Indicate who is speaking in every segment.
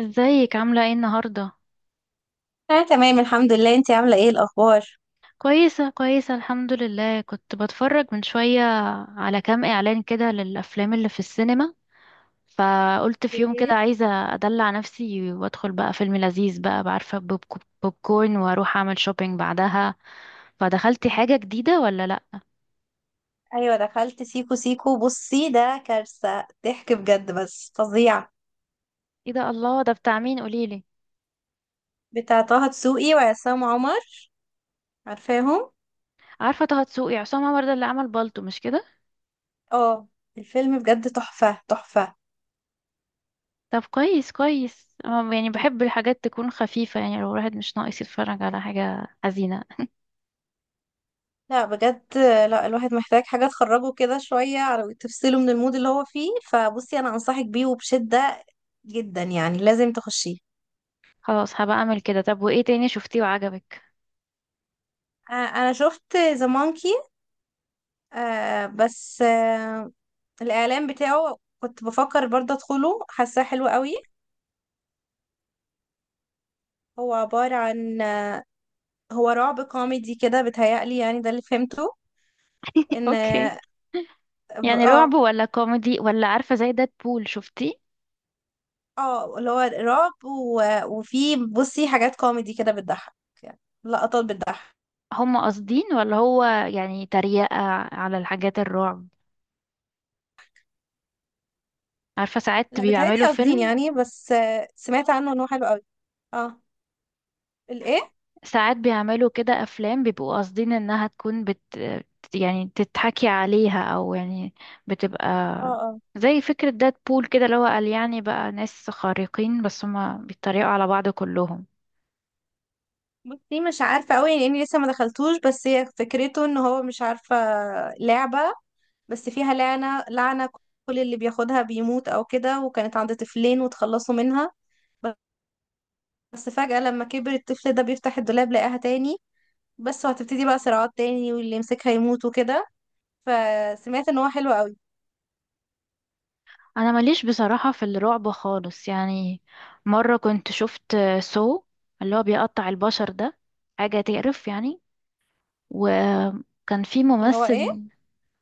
Speaker 1: ازيك عاملة ايه النهاردة؟
Speaker 2: انا تمام الحمد لله. انتي عامله ايه الاخبار؟
Speaker 1: كويسة الحمد لله، كنت بتفرج من شوية على كام اعلان كده للأفلام اللي في السينما، فقلت في يوم كده
Speaker 2: ايه؟
Speaker 1: عايزة أدلع نفسي وأدخل بقى فيلم لذيذ بقى بعرفة بوب كورن وأروح أعمل شوبينج بعدها. فدخلتي حاجة جديدة ولا لأ؟
Speaker 2: ايوه دخلت سيكو سيكو. بصي ده كارثه، ضحك بجد، بس فظيع.
Speaker 1: ايه ده، الله، ده بتاع مين قوليلي؟
Speaker 2: بتاع طه دسوقي وعصام عمر، عارفاهم؟
Speaker 1: عارفة طه دسوقي، عصام عمر ده اللي عمل بالطو مش كده؟
Speaker 2: اه، الفيلم بجد تحفه تحفه.
Speaker 1: طب كويس كويس، يعني بحب الحاجات تكون خفيفة، يعني لو الواحد مش ناقص يتفرج على حاجة حزينة.
Speaker 2: لا بجد، لا الواحد محتاج حاجه تخرجه كده شويه، على تفصله من المود اللي هو فيه. فبصي انا انصحك بيه وبشده جدا، يعني لازم تخشيه.
Speaker 1: خلاص هبقى اعمل كده. طب وايه تاني شفتيه وعجبك؟
Speaker 2: انا شفت ذا مونكي. آه بس آه، الإعلان بتاعه كنت بفكر برضه أدخله، حاساه حلو قوي. هو عبارة عن، هو رعب كوميدي كده بيتهيألي، يعني ده اللي فهمته. إن
Speaker 1: اوكي. يعني رعب ولا كوميدي ولا عارفة زي بول شفتيه؟
Speaker 2: اه اللي هو رعب وفي بصي حاجات كوميدي كده بتضحك، يعني لقطات بتضحك.
Speaker 1: هم قاصدين ولا هو يعني تريقة على الحاجات الرعب؟ عارفة ساعات
Speaker 2: لا بيتهيألي
Speaker 1: بيعملوا
Speaker 2: قاصدين
Speaker 1: فيلم،
Speaker 2: يعني، بس سمعت عنه إن هو حلو قوي. اه الإيه؟
Speaker 1: ساعات بيعملوا كده أفلام بيبقوا قاصدين إنها تكون بت، يعني تتحكي عليها، أو يعني بتبقى
Speaker 2: اه اه،
Speaker 1: زي فكرة بول كده، اللي هو قال يعني بقى ناس خارقين بس هما بيتريقوا على بعض كلهم.
Speaker 2: بصي مش عارفة قوي لأني لسه ما دخلتوش، بس هي فكرته إن هو مش عارفة لعبة، بس فيها لعنة لعنة، كل اللي بياخدها بيموت أو كده، وكانت عند طفلين وتخلصوا منها. بس فجأة لما كبر الطفل ده بيفتح الدولاب لقاها تاني، بس وهتبتدي بقى صراعات تاني واللي يمسكها يموت وكده. فسمعت ان هو حلو قوي.
Speaker 1: انا ماليش بصراحة في الرعب خالص يعني. مرة كنت شفت سو، اللي هو بيقطع البشر ده، حاجة تقرف يعني. وكان في
Speaker 2: اللي هو ايه؟
Speaker 1: ممثل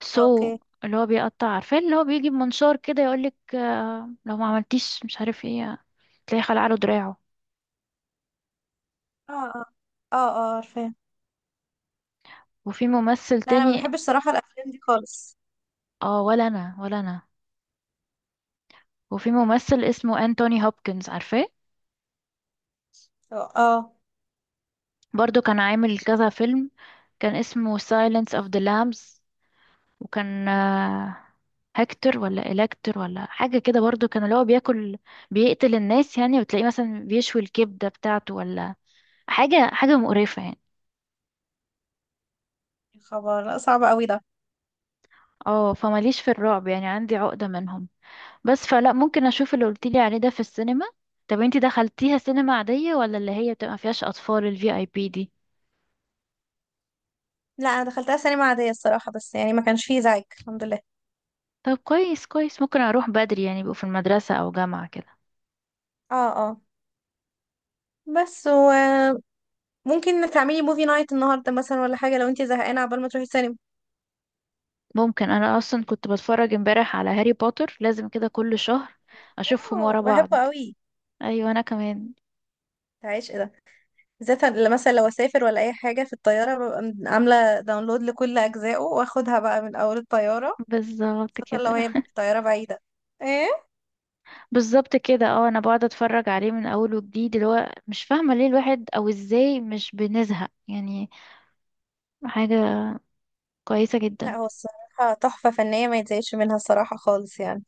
Speaker 1: سو،
Speaker 2: اوكي.
Speaker 1: اللي هو بيقطع، عارفاه، اللي هو بيجي بمنشار كده يقولك لو ما عملتيش مش عارف ايه، تلاقي خلع له دراعه.
Speaker 2: اه اه. اه اه عارفاه.
Speaker 1: وفي ممثل
Speaker 2: لا انا ما
Speaker 1: تاني.
Speaker 2: بحبش صراحة الافلام دي خالص.
Speaker 1: اه، ولا انا ولا انا. وفي ممثل اسمه انتوني هوبكنز، عارفاه؟
Speaker 2: اه آه.
Speaker 1: برضو كان عامل كذا فيلم، كان اسمه Silence of the Lambs، وكان هكتور ولا إلكتور ولا حاجة كده، برضو كان اللي هو بياكل، بيقتل الناس يعني، وتلاقيه مثلا بيشوي الكبدة بتاعته ولا حاجة مقرفة يعني.
Speaker 2: يا خبر، لا صعب قوي ده.
Speaker 1: اه فماليش في الرعب يعني، عندي عقدة منهم بس. فلا، ممكن أشوف اللي قلتيلي عليه ده في السينما. طب انتي دخلتيها سينما عادية ولا اللي هي بتبقى مفيهاش أطفال الـ VIP؟
Speaker 2: لا انا دخلتها سينما عادية الصراحة، بس يعني ما كانش فيه زعيق الحمد لله.
Speaker 1: طب كويس كويس، ممكن أروح بدري يعني يبقوا في المدرسة أو جامعة كده.
Speaker 2: اه اه. بس و ممكن تعملي موفي نايت النهارده مثلا ولا حاجه، لو انت زهقانه عبال ما تروحي السينما.
Speaker 1: ممكن أنا أصلا كنت بتفرج امبارح على هاري بوتر، لازم كده كل شهر أشوفهم
Speaker 2: اه
Speaker 1: ورا بعض.
Speaker 2: بحبه قوي.
Speaker 1: ايوه انا كمان.
Speaker 2: عايش ايه ده. بالذات لما مثلا لو اسافر ولا اي حاجه في الطياره، ببقى عامله داونلود لكل اجزائه واخدها بقى من اول الطياره،
Speaker 1: بالظبط
Speaker 2: خصوصا لو
Speaker 1: كده.
Speaker 2: هي طياره بعيده. ايه؟
Speaker 1: بالظبط كده، اه انا بقعد اتفرج عليه من اول وجديد، اللي هو مش فاهمه ليه الواحد او ازاي مش بنزهق يعني، حاجه كويسه جدا.
Speaker 2: لا هو الصراحه تحفه فنيه ما يتزايدش منها الصراحه خالص يعني.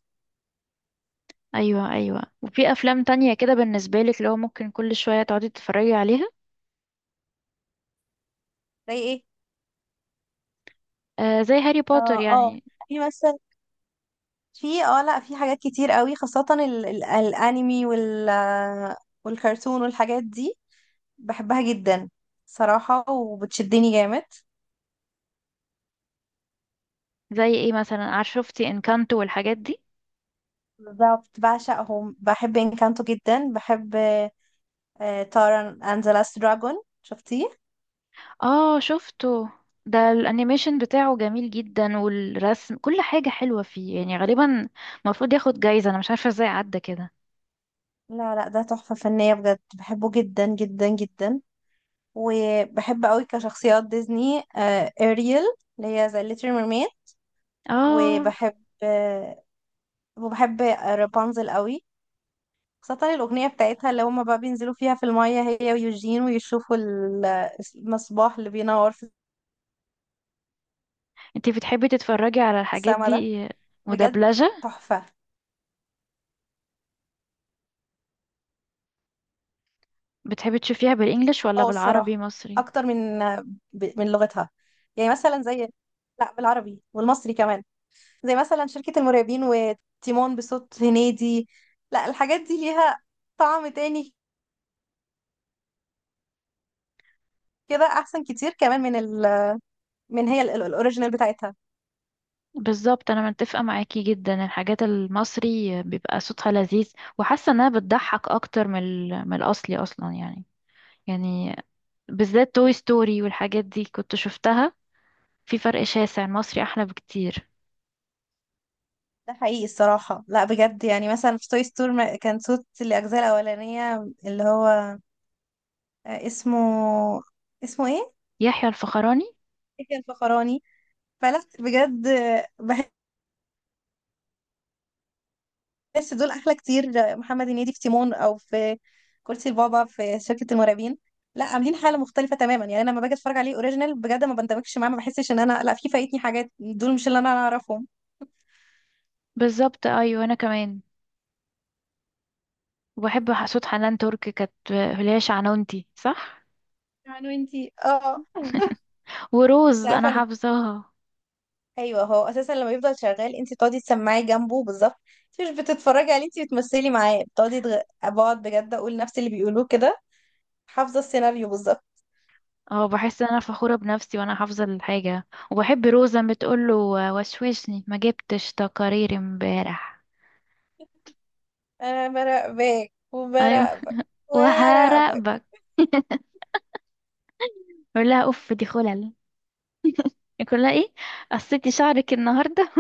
Speaker 1: ايوه ايوه، وفي افلام تانية كده بالنسبه لك اللي هو ممكن كل شويه تقعدي تتفرجي عليها؟
Speaker 2: زي ايه؟
Speaker 1: آه زي هاري بوتر
Speaker 2: اه اه،
Speaker 1: يعني.
Speaker 2: في مثلا في اه لا في حاجات كتير قوي، خاصه ال الانمي والكرتون والحاجات دي، بحبها جدا صراحة وبتشدني جامد.
Speaker 1: زي ايه مثلا؟ عارف، شفتي انكانتو والحاجات دي؟
Speaker 2: بالظبط بعشقهم، بحب انكانتو جدا. بحب تارا اند ذا لاست دراجون، شفتيه؟
Speaker 1: اه شفته، ده الانيميشن بتاعه جميل جدا، والرسم كل حاجه حلوه فيه يعني، غالبا المفروض ياخد جايزه، انا مش عارفه ازاي عدى كده.
Speaker 2: لا، ده تحفة فنية بجد، بحبه جدا جدا جدا. وبحب قوي كشخصيات ديزني، اريل اللي هي ذا ليتل ميرميد.
Speaker 1: اه.
Speaker 2: وبحب آه، وبحب رابنزل قوي، خاصة الأغنية بتاعتها اللي هما بقى بينزلوا فيها في المية هي ويوجين ويشوفوا المصباح اللي بينور في
Speaker 1: انتي بتحبي تتفرجي على الحاجات
Speaker 2: السما ده،
Speaker 1: دي
Speaker 2: بجد
Speaker 1: مدبلجة؟
Speaker 2: تحفة.
Speaker 1: بتحبي تشوفيها بالانجلش ولا
Speaker 2: اه
Speaker 1: بالعربي
Speaker 2: الصراحة
Speaker 1: مصري؟
Speaker 2: أكتر من من لغتها، يعني مثلا زي، لا بالعربي والمصري كمان. زي مثلا شركة المرعبين وتيمون بصوت هنيدي، لا الحاجات دي ليها طعم تاني، كده أحسن كتير كمان من الأوريجينال بتاعتها.
Speaker 1: بالظبط، انا متفقة معاكي جدا، الحاجات المصري بيبقى صوتها لذيذ، وحاسة انها بتضحك اكتر من من الاصلي اصلا يعني، يعني بالذات توي ستوري والحاجات دي كنت شفتها، في فرق شاسع، المصري احلى بكتير.
Speaker 2: ده حقيقي الصراحة، لا بجد، يعني مثلا في توي ستور كان صوت الأجزاء الأولانية اللي هو، آه، اسمه اسمه ايه؟
Speaker 1: يحيى الفخراني.
Speaker 2: إيه الفخراني، فلا بجد، بس دول احلى كتير. محمد هنيدي في تيمون او في كرسي البابا في شركة المرعبين، لا عاملين حالة مختلفة تماما. يعني انا لما باجي اتفرج عليه اوريجينال بجد ما بندمجش معاه، ما بحسش ان انا، لا في فايتني حاجات، دول مش اللي انا اعرفهم.
Speaker 1: بالظبط ايوه انا كمان. وبحب صوت حنان ترك، كانت اللي هي شعنونتي صح؟
Speaker 2: يعني وانتي اه انت
Speaker 1: وروز
Speaker 2: عارفه
Speaker 1: انا
Speaker 2: ان،
Speaker 1: حافظاها.
Speaker 2: ايوه هو اساسا لما يفضل شغال انت بتقعدي تسمعي جنبه بالظبط، انت مش بتتفرجي عليه، انت بتمثلي معاه، بقعد بجد اقول نفس اللي بيقولوه كده، حافظه السيناريو بالظبط.
Speaker 1: اه بحس ان انا فخورة بنفسي وانا حافظة الحاجة. وبحب روزة بتقوله: وشوشني، ما جبتش تقارير امبارح؟
Speaker 2: انا براقبك
Speaker 1: ايوه،
Speaker 2: وبراقبك وهراقبك.
Speaker 1: وهراقبك. بقول لها: اوف دي خلل. يقول لها ايه؟ قصيتي شعرك النهاردة؟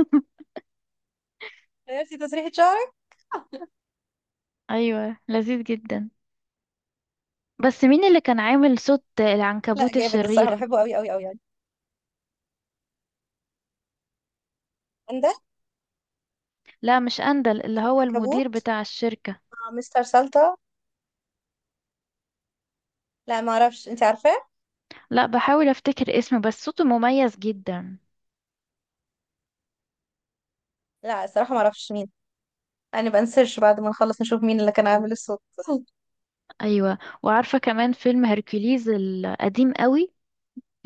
Speaker 2: عرفتي تسريحة شعرك.
Speaker 1: ايوه لذيذ جدا. بس مين اللي كان عامل صوت
Speaker 2: لا
Speaker 1: العنكبوت
Speaker 2: جامد الصراحه،
Speaker 1: الشرير؟
Speaker 2: بحبه قوي قوي قوي يعني. عندك
Speaker 1: لا مش اندل، اللي هو المدير
Speaker 2: عنكبوت،
Speaker 1: بتاع الشركة.
Speaker 2: مستر سلطه، لا ما اعرفش، انت عارفاه؟
Speaker 1: لا، بحاول افتكر اسمه بس صوته مميز جدا.
Speaker 2: لا الصراحه ما اعرفش مين، يعني بنسيرش بعد ما نخلص نشوف مين اللي كان عامل الصوت.
Speaker 1: ايوه، وعارفة كمان فيلم هركوليز القديم قوي،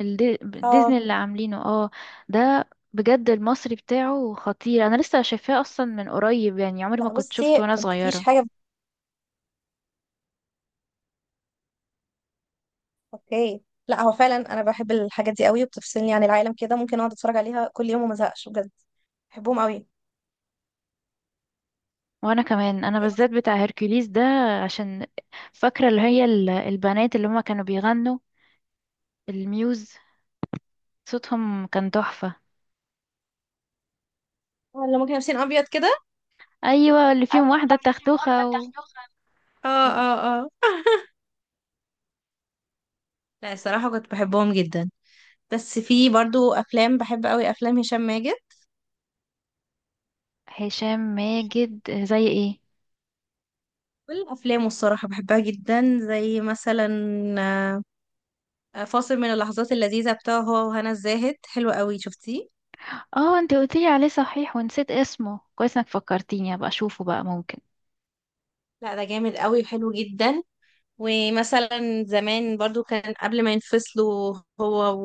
Speaker 1: الدي-
Speaker 2: اه،
Speaker 1: ديزني اللي عاملينه، اه. ده بجد المصري بتاعه خطير، انا لسه شايفاه اصلا من قريب يعني، عمري ما
Speaker 2: لا
Speaker 1: كنت شفته
Speaker 2: بصي
Speaker 1: وانا
Speaker 2: مفيش
Speaker 1: صغيره.
Speaker 2: حاجه. اوكي. لا هو فعلا انا بحب الحاجات دي قوي، وبتفصلني عن العالم كده، ممكن اقعد اتفرج عليها كل يوم وما ازهقش بجد، بحبهم قوي.
Speaker 1: وانا كمان، انا
Speaker 2: إيه،
Speaker 1: بالذات بتاع هيركوليس ده، عشان فاكره اللي هي البنات اللي هما كانوا بيغنوا، الميوز، صوتهم كان تحفه.
Speaker 2: ولا ممكن لابسين ابيض كده.
Speaker 1: ايوه اللي
Speaker 2: ايوه
Speaker 1: فيهم واحده
Speaker 2: اللي فيهم واحده
Speaker 1: التختوخه و...
Speaker 2: بتاعت، اه
Speaker 1: و...
Speaker 2: اه اه. لا الصراحه كنت بحبهم جدا. بس في برضو افلام بحب قوي، افلام هشام ماجد،
Speaker 1: هشام ماجد زي ايه؟
Speaker 2: كل الأفلام الصراحة بحبها جدا. زي مثلا فاصل من اللحظات اللذيذة بتاعه هو وهنا الزاهد، حلو قوي، شفتيه؟
Speaker 1: اه انت قلتيلي عليه صحيح ونسيت اسمه، كويس انك فكرتيني ابقى اشوفه بقى ممكن.
Speaker 2: لا ده جامد قوي وحلو جدا. ومثلا زمان برضو كان قبل ما ينفصلوا هو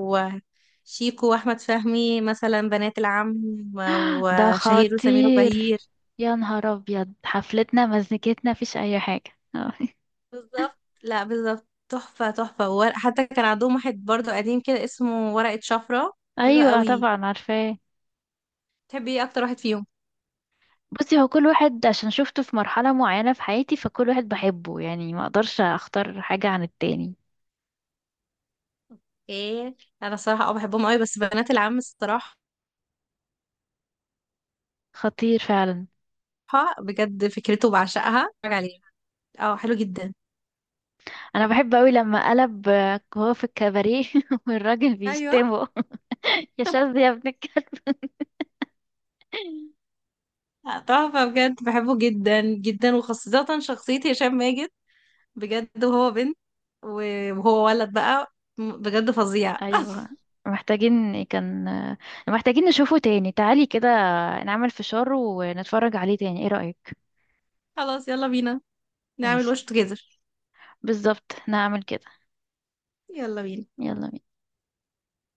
Speaker 2: وشيكو وأحمد فهمي، مثلا بنات العم،
Speaker 1: ده
Speaker 2: وشهير وسمير
Speaker 1: خطير،
Speaker 2: وبهير.
Speaker 1: يا نهار ابيض، حفلتنا مزنكتنا مفيش اي حاجه آه.
Speaker 2: بالظبط، لا بالظبط تحفة تحفة. وورق حتى كان عندهم، واحد برضو قديم كده اسمه ورقة شفرة، حلو
Speaker 1: ايوه
Speaker 2: قوي.
Speaker 1: طبعا عارفاه.
Speaker 2: تحبي ايه أكتر واحد فيهم؟
Speaker 1: بصي هو كل واحد عشان شفته في مرحله معينه في حياتي، فكل واحد بحبه يعني، ما اقدرش اختار حاجه عن التاني.
Speaker 2: ايه، انا صراحة اه بحبهم قوي، بس بنات العم الصراحة
Speaker 1: خطير فعلا.
Speaker 2: بجد فكرته بعشقها، اتفرج عليه. اه حلو جدا.
Speaker 1: انا بحب قوي لما قلب هو في الكباريه والراجل
Speaker 2: ايوه
Speaker 1: بيشتمه. يا شاذ يا ابن الكلب.
Speaker 2: تحفة بجد، بحبه جدا جدا، وخاصة شخصية هشام ماجد بجد، وهو بنت، وهو ولد بقى بجد فظيع.
Speaker 1: ايوه، محتاجين كان محتاجين نشوفه تاني، تعالي كده نعمل فشار ونتفرج عليه تاني، ايه رأيك؟
Speaker 2: خلاص يلا بينا، نعمل
Speaker 1: ماشي.
Speaker 2: وش توجذر.
Speaker 1: بالظبط، نعمل كده.
Speaker 2: يلا بينا.
Speaker 1: يلا بينا.